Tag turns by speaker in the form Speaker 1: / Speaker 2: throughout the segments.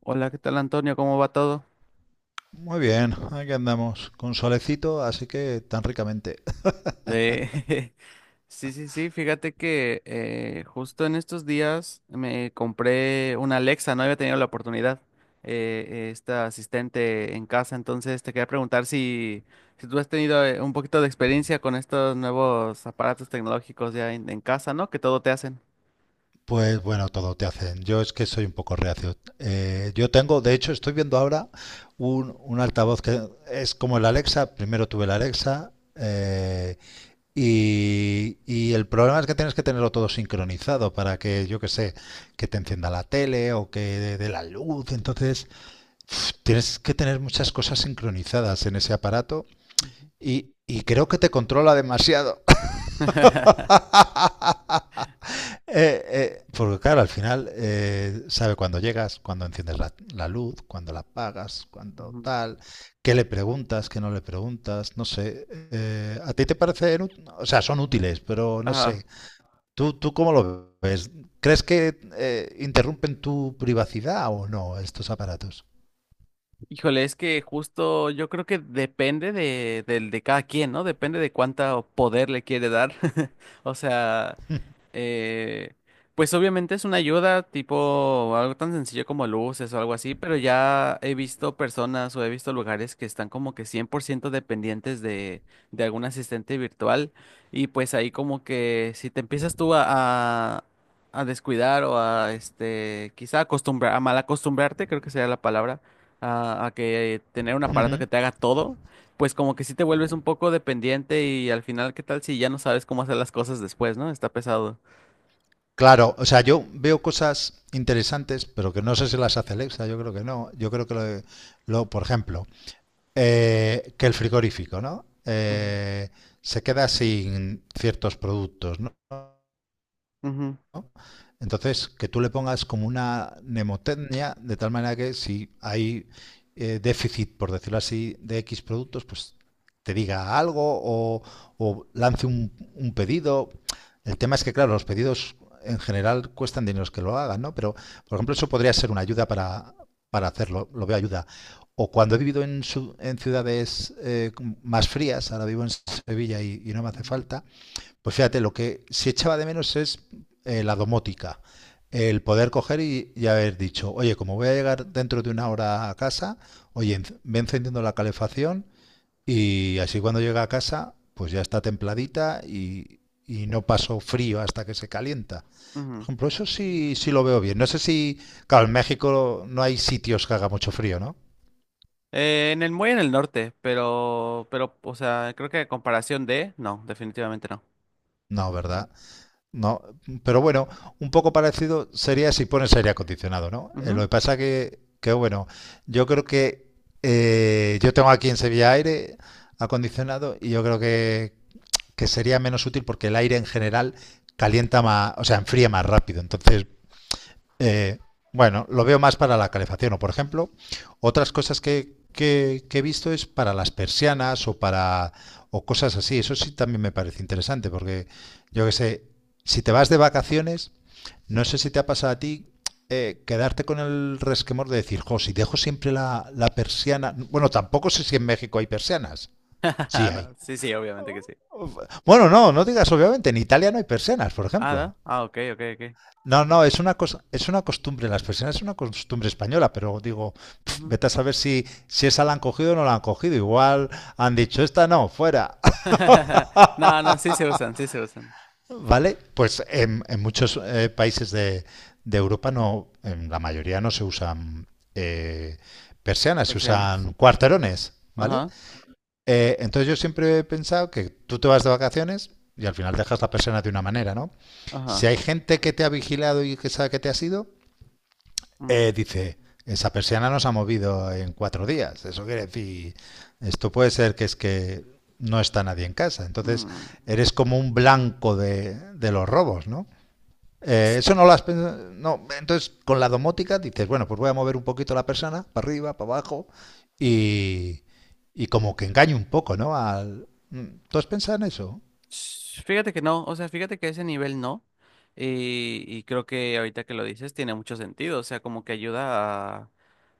Speaker 1: Hola, ¿qué tal Antonio? ¿Cómo va todo?
Speaker 2: Muy bien, aquí andamos con solecito, así que tan ricamente.
Speaker 1: Eh, sí, sí, sí, fíjate que justo en estos días me compré una Alexa, no había tenido la oportunidad, esta asistente en casa, entonces te quería preguntar si, si tú has tenido un poquito de experiencia con estos nuevos aparatos tecnológicos ya en casa, ¿no? Que todo te hacen.
Speaker 2: Pues bueno, todo te hacen. Yo es que soy un poco reacio. Yo tengo, de hecho, estoy viendo ahora un altavoz que es como el Alexa. Primero tuve el Alexa y el problema es que tienes que tenerlo todo sincronizado para que, yo que sé, que te encienda la tele o que dé la luz. Entonces, tienes que tener muchas cosas sincronizadas en ese aparato
Speaker 1: Ujú.
Speaker 2: y creo que te controla demasiado. Porque claro, al final sabe cuando llegas, cuando enciendes la luz, cuando la apagas, cuando
Speaker 1: Ujú.
Speaker 2: tal, qué le preguntas, qué no le preguntas, no sé. ¿A ti te parecen, o sea, son útiles, pero no
Speaker 1: Ajá.
Speaker 2: sé. ¿Tú cómo lo ves? ¿Crees que interrumpen tu privacidad o no estos aparatos?
Speaker 1: Híjole, es que justo yo creo que depende del de cada quien, ¿no? Depende de cuánto poder le quiere dar. O sea, eh, pues obviamente es una ayuda tipo algo tan sencillo como luces o algo así, pero ya he visto personas o he visto lugares que están como que 100% dependientes de algún asistente virtual y pues ahí como que si te empiezas tú a, a descuidar o a este, quizá acostumbrar, a mal acostumbrarte, creo que sería la palabra a que tener un aparato
Speaker 2: Ujú.
Speaker 1: que te haga todo, pues como que sí te vuelves un poco dependiente y al final, ¿qué tal si ya no sabes cómo hacer las cosas después, ¿no? Está pesado.
Speaker 2: Claro, o sea, yo veo cosas interesantes, pero que no sé si las hace Alexa, yo creo que no. Yo creo que por ejemplo, que el frigorífico, ¿no?
Speaker 1: Ujú,
Speaker 2: Se queda sin ciertos productos, ¿no?
Speaker 1: ujú,
Speaker 2: ¿no? Entonces, que tú le pongas como una mnemotecnia, de tal manera que si hay déficit, por decirlo así, de X productos, pues te diga algo o lance un pedido. El tema es que, claro, los pedidos en general cuestan dinero que lo hagan, ¿no? Pero, por ejemplo, eso podría ser una ayuda para hacerlo, lo veo ayuda. O cuando he vivido en ciudades más frías, ahora vivo en Sevilla y no me hace
Speaker 1: ujú,
Speaker 2: falta, pues fíjate, lo que sí echaba de menos es la domótica. El poder coger y haber dicho, oye, como voy a llegar dentro de una hora a casa, oye, ve encendiendo la calefacción y así cuando llega a casa, pues ya está templadita y no paso frío hasta que se calienta. Por
Speaker 1: ujú.
Speaker 2: ejemplo, eso sí, sí lo veo bien. No sé si, claro, en México no hay sitios que haga mucho frío, ¿no?
Speaker 1: En el muy en el norte, pero, o sea, creo que a comparación de, no, definitivamente no.
Speaker 2: No,
Speaker 1: Ujú,
Speaker 2: ¿verdad? No, pero bueno, un poco parecido sería si pones aire acondicionado, ¿no? Lo
Speaker 1: ujú.
Speaker 2: que pasa que bueno, yo creo que yo tengo aquí en Sevilla aire acondicionado y yo creo que sería menos útil porque el aire en general calienta más, o sea, enfría más rápido. Entonces, eh, bueno, lo veo más para la calefacción o, por ejemplo, otras cosas que, que he visto es para las persianas o cosas así. Eso sí también me parece interesante porque yo que sé, si te vas de vacaciones, no sé si te ha pasado a ti quedarte con el resquemor de decir, jo, si dejo siempre la persiana. Bueno, tampoco sé si en México hay persianas. Sí hay.
Speaker 1: No, sí, sí, obviamente que sí.
Speaker 2: Bueno, no, no digas obviamente, en Italia no hay persianas, por
Speaker 1: Ah,
Speaker 2: ejemplo.
Speaker 1: ¿no? Ah, ok, ok, ok.
Speaker 2: No, no, es una cosa, es una costumbre en las personas, es una costumbre española, pero digo,
Speaker 1: Ujú.
Speaker 2: vete a saber si esa la han cogido o no la han cogido. Igual han dicho, esta no, fuera.
Speaker 1: No, no, sí se usan, sí se usan.
Speaker 2: ¿Vale? Pues
Speaker 1: Ujú.
Speaker 2: en muchos países de Europa no, en la mayoría no se usan eh, persianas, se
Speaker 1: Persianas.
Speaker 2: usan cuarterones, ¿vale?
Speaker 1: Ajá,
Speaker 2: Entonces yo siempre he pensado que tú te vas de vacaciones y al final dejas la persiana de una manera, ¿no? Si
Speaker 1: ajá.
Speaker 2: hay gente que te ha vigilado y que sabe que te has ido,
Speaker 1: Mm,
Speaker 2: dice, esa persiana nos ha movido en 4 días. Eso quiere decir, esto puede ser que es que no está nadie en casa. Entonces,
Speaker 1: mm.
Speaker 2: eres como un blanco de los robos, ¿no? Eso no lo has pensado. No. Entonces, con la domótica dices, bueno, pues voy a mover un poquito la persiana para arriba, para abajo, y, y como que engaño un poco, ¿no? ¿Tú has pensado en eso?
Speaker 1: Sh- Fíjate que no, o sea, fíjate que a ese nivel no. Y creo que ahorita que lo dices tiene mucho sentido, o sea, como que ayuda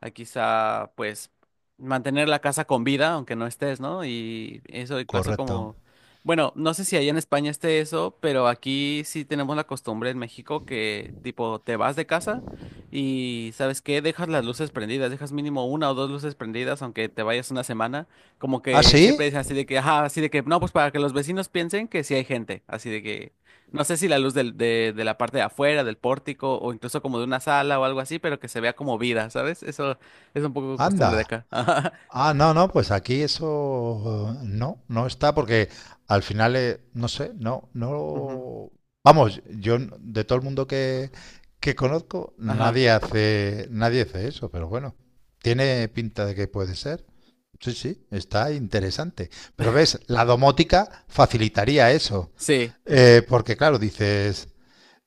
Speaker 1: a quizá, pues, mantener la casa con vida, aunque no estés, ¿no? Y eso, incluso
Speaker 2: Correcto.
Speaker 1: como, bueno, no sé si allá en España esté eso, pero aquí sí tenemos la costumbre en México que, tipo, te vas de casa y, ¿sabes qué? Dejas las luces prendidas, dejas mínimo una o dos luces prendidas, aunque te vayas una semana. Como
Speaker 2: ¿Ah,
Speaker 1: que siempre
Speaker 2: sí?
Speaker 1: dicen así de que, ajá, así de que, no, pues para que los vecinos piensen que sí hay gente, así de que, no sé si la luz del- de la parte de afuera, del pórtico, o incluso como de una sala o algo así, pero que se vea como vida, ¿sabes? Eso es un poco costumbre de
Speaker 2: Anda.
Speaker 1: acá. Ajá.
Speaker 2: Ah, no, no, pues aquí eso no, no está porque al final, no sé, no,
Speaker 1: Ujú.
Speaker 2: no. Vamos, de todo el mundo que conozco,
Speaker 1: Ajá.
Speaker 2: nadie hace eso, pero bueno, tiene pinta de que puede ser. Sí, sí, está interesante. Pero ves, la domótica facilitaría eso.
Speaker 1: Sí,
Speaker 2: Porque claro, dices,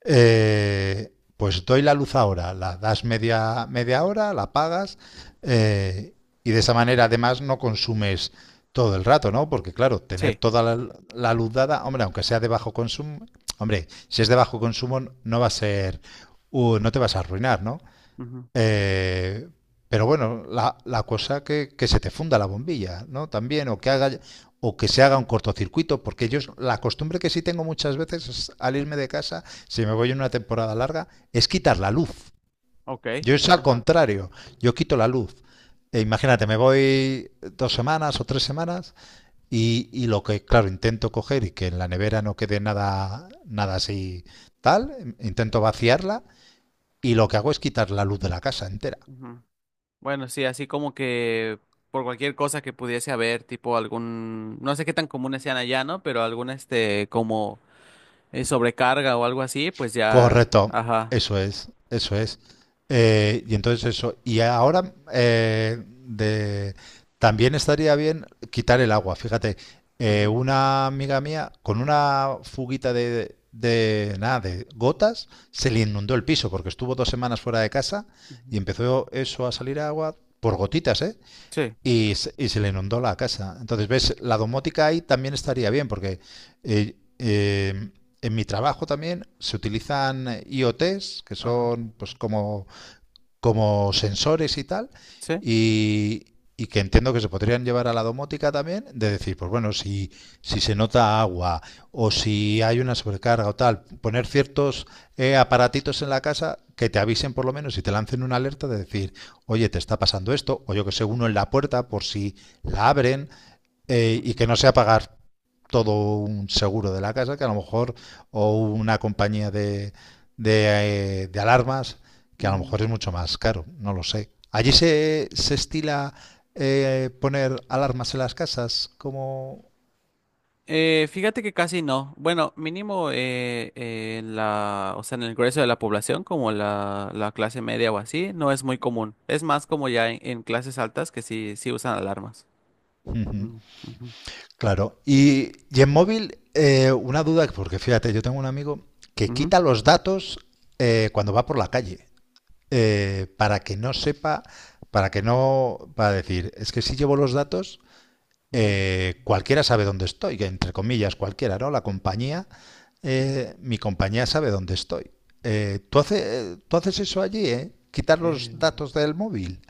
Speaker 2: pues doy la luz ahora, la das media hora, la pagas eh, y de esa manera además no consumes todo el rato, ¿no? Porque claro, tener
Speaker 1: sí.
Speaker 2: toda la luz dada, hombre, aunque sea de bajo consumo, hombre, si es de bajo consumo no va a ser, no te vas a arruinar, ¿no?
Speaker 1: Ujú.
Speaker 2: Eh, pero bueno, la cosa que se te funda la bombilla, ¿no? También, o que haga, o que se haga un cortocircuito, porque yo la costumbre que sí tengo muchas veces es, al irme de casa, si me voy en una temporada larga, es
Speaker 1: Ujú.
Speaker 2: quitar la luz.
Speaker 1: Ok.
Speaker 2: Yo es al
Speaker 1: Ajá.
Speaker 2: contrario, yo quito la luz. E imagínate, me voy 2 semanas o 3 semanas y lo que, claro, intento coger y que en la nevera no quede nada, nada así tal, intento vaciarla y lo que hago es quitar la luz de la casa entera.
Speaker 1: Ujú. Bueno, sí, así como que por cualquier cosa que pudiese haber, tipo algún, no sé qué tan comunes sean allá, ¿no? Pero algún, este, como sobrecarga o algo así, pues ya,
Speaker 2: Correcto,
Speaker 1: ajá.
Speaker 2: eso es, eso es. Y entonces eso, y ahora también estaría bien quitar el agua, fíjate,
Speaker 1: Ujú,
Speaker 2: una amiga mía con una fuguita de nada, de gotas, se le inundó el piso porque estuvo 2 semanas fuera de casa y
Speaker 1: ujú.
Speaker 2: empezó eso a salir agua por gotitas, ¿eh?
Speaker 1: Sí,
Speaker 2: Y se le inundó la casa. Entonces, ves, la domótica ahí también estaría bien, porque eh, eh, en mi trabajo también se utilizan IoTs, que
Speaker 1: ajá,
Speaker 2: son pues como sensores y tal,
Speaker 1: sí.
Speaker 2: y, y que entiendo que se podrían llevar a la domótica también, de decir, pues bueno, si se nota agua o si hay una sobrecarga o tal, poner ciertos aparatitos en la casa que te avisen por lo menos y te lancen una alerta de decir, oye, te está pasando esto, o yo que sé, uno en la puerta por si la abren y
Speaker 1: Ujú,
Speaker 2: que no sea pagar todo un seguro de la casa, que a lo mejor, o una compañía de alarmas, que a lo
Speaker 1: ujú.
Speaker 2: mejor es mucho más caro, no lo sé. ¿Allí se estila poner alarmas en las casas?
Speaker 1: Fíjate que casi no. Bueno, mínimo en la, o sea, en el grueso de la población, como la clase media o así, no es muy común. Es más como ya en clases altas que sí, sí usan alarmas.
Speaker 2: Ujú,
Speaker 1: Ujú, ujú,
Speaker 2: claro. Y en móvil, una duda, porque fíjate, yo tengo un amigo que
Speaker 1: ujú,
Speaker 2: quita los datos cuando va por la calle, para que no sepa, para que no, para decir, es que si llevo los datos,
Speaker 1: ujú,
Speaker 2: cualquiera sabe dónde estoy, que entre comillas cualquiera, ¿no? La compañía,
Speaker 1: ujú.
Speaker 2: mi compañía sabe dónde estoy. ¿Tú haces eso allí, ¿eh? ¿Quitar los
Speaker 1: Eh,
Speaker 2: datos del móvil?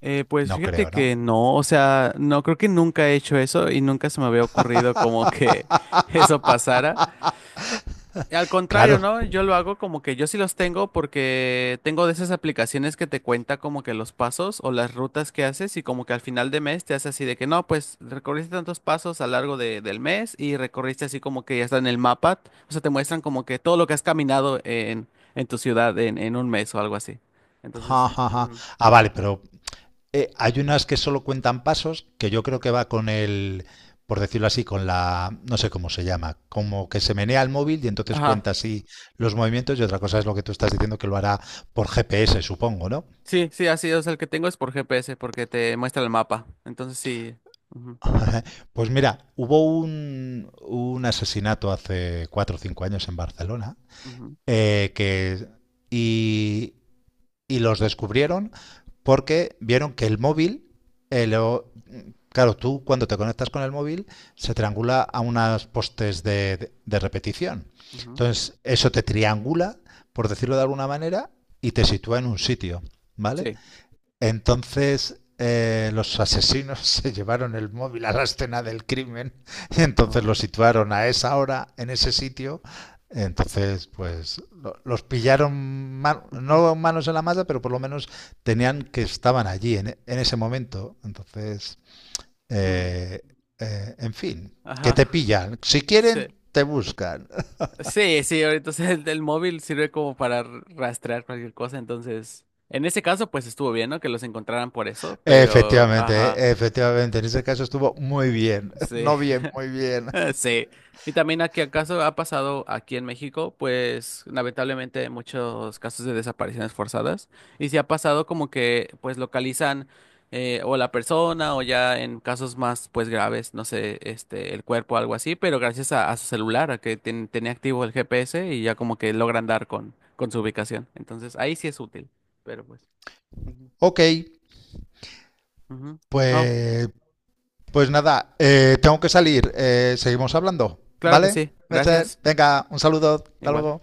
Speaker 1: pues
Speaker 2: No
Speaker 1: fíjate
Speaker 2: creo, ¿no?
Speaker 1: que no, o sea, no creo que nunca he hecho eso y nunca se me había ocurrido como que eso pasara. Al contrario,
Speaker 2: Claro.
Speaker 1: ¿no? Yo lo hago como que yo sí los tengo porque tengo de esas aplicaciones que te cuenta como que los pasos o las rutas que haces y como que al final de mes te hace así de que no, pues recorriste tantos pasos a lo largo de- del mes y recorriste así como que ya está en el mapa. O sea, te muestran como que todo lo que has caminado en tu ciudad en un mes o algo así.
Speaker 2: Ja,
Speaker 1: Entonces,
Speaker 2: ja, ja.
Speaker 1: ujú.
Speaker 2: Ah, vale, pero. Hay unas que solo cuentan pasos, que yo creo que va con el, por decirlo así, con la, no sé cómo se llama, como que se menea el móvil y entonces
Speaker 1: Ajá.
Speaker 2: cuenta así los movimientos y otra cosa es lo que tú estás diciendo que lo hará por GPS, supongo, ¿no?
Speaker 1: Sí, sí, así. O sea, el que tengo es por GPS porque te muestra el mapa. Entonces sí. Ujú,
Speaker 2: Pues mira, hubo un asesinato hace 4 o 5 años en Barcelona
Speaker 1: ujú,
Speaker 2: eh, que, y, y los descubrieron porque vieron que el móvil. eh, lo, Claro, tú cuando te conectas con el móvil se triangula a unos postes de repetición.
Speaker 1: ujú.
Speaker 2: Entonces, eso te triangula, por decirlo de alguna manera, y te sitúa en un sitio, ¿vale?
Speaker 1: Sí.
Speaker 2: Entonces, los asesinos se llevaron el móvil a la escena del crimen y entonces lo
Speaker 1: Ah,
Speaker 2: situaron a esa hora, en ese sitio. Entonces, pues los pillaron,
Speaker 1: ujú,
Speaker 2: no manos en la masa, pero por lo menos tenían que estaban allí en ese momento. Entonces...
Speaker 1: mm.
Speaker 2: Eh, en fin, que
Speaker 1: Ajá.
Speaker 2: te pillan. Si
Speaker 1: Sí.
Speaker 2: quieren, te buscan.
Speaker 1: Sí, sí, ahorita o sea, el móvil sirve como para r- rastrear cualquier cosa, entonces, en ese caso, pues estuvo bien, ¿no? Que los encontraran por eso, pero, ajá,
Speaker 2: Efectivamente, efectivamente, en ese caso estuvo muy bien.
Speaker 1: sí.
Speaker 2: No bien, muy bien.
Speaker 1: Sí, y también aquí acaso ha pasado aquí en México, pues lamentablemente muchos casos de desapariciones forzadas, y si ha pasado como que pues localizan o la persona o ya en casos más pues graves, no sé, este, el cuerpo o algo así, pero gracias a su celular, a que ten- tenía activo el GPS y ya como que logran dar con su ubicación, entonces ahí sí es útil, pero pues. Ujú.
Speaker 2: Ok,
Speaker 1: Ujú. No,
Speaker 2: pues, pues nada, tengo que salir. Seguimos hablando,
Speaker 1: claro que
Speaker 2: ¿vale?
Speaker 1: sí,
Speaker 2: Mecher,
Speaker 1: gracias,
Speaker 2: venga, un saludo, hasta
Speaker 1: igual.
Speaker 2: luego.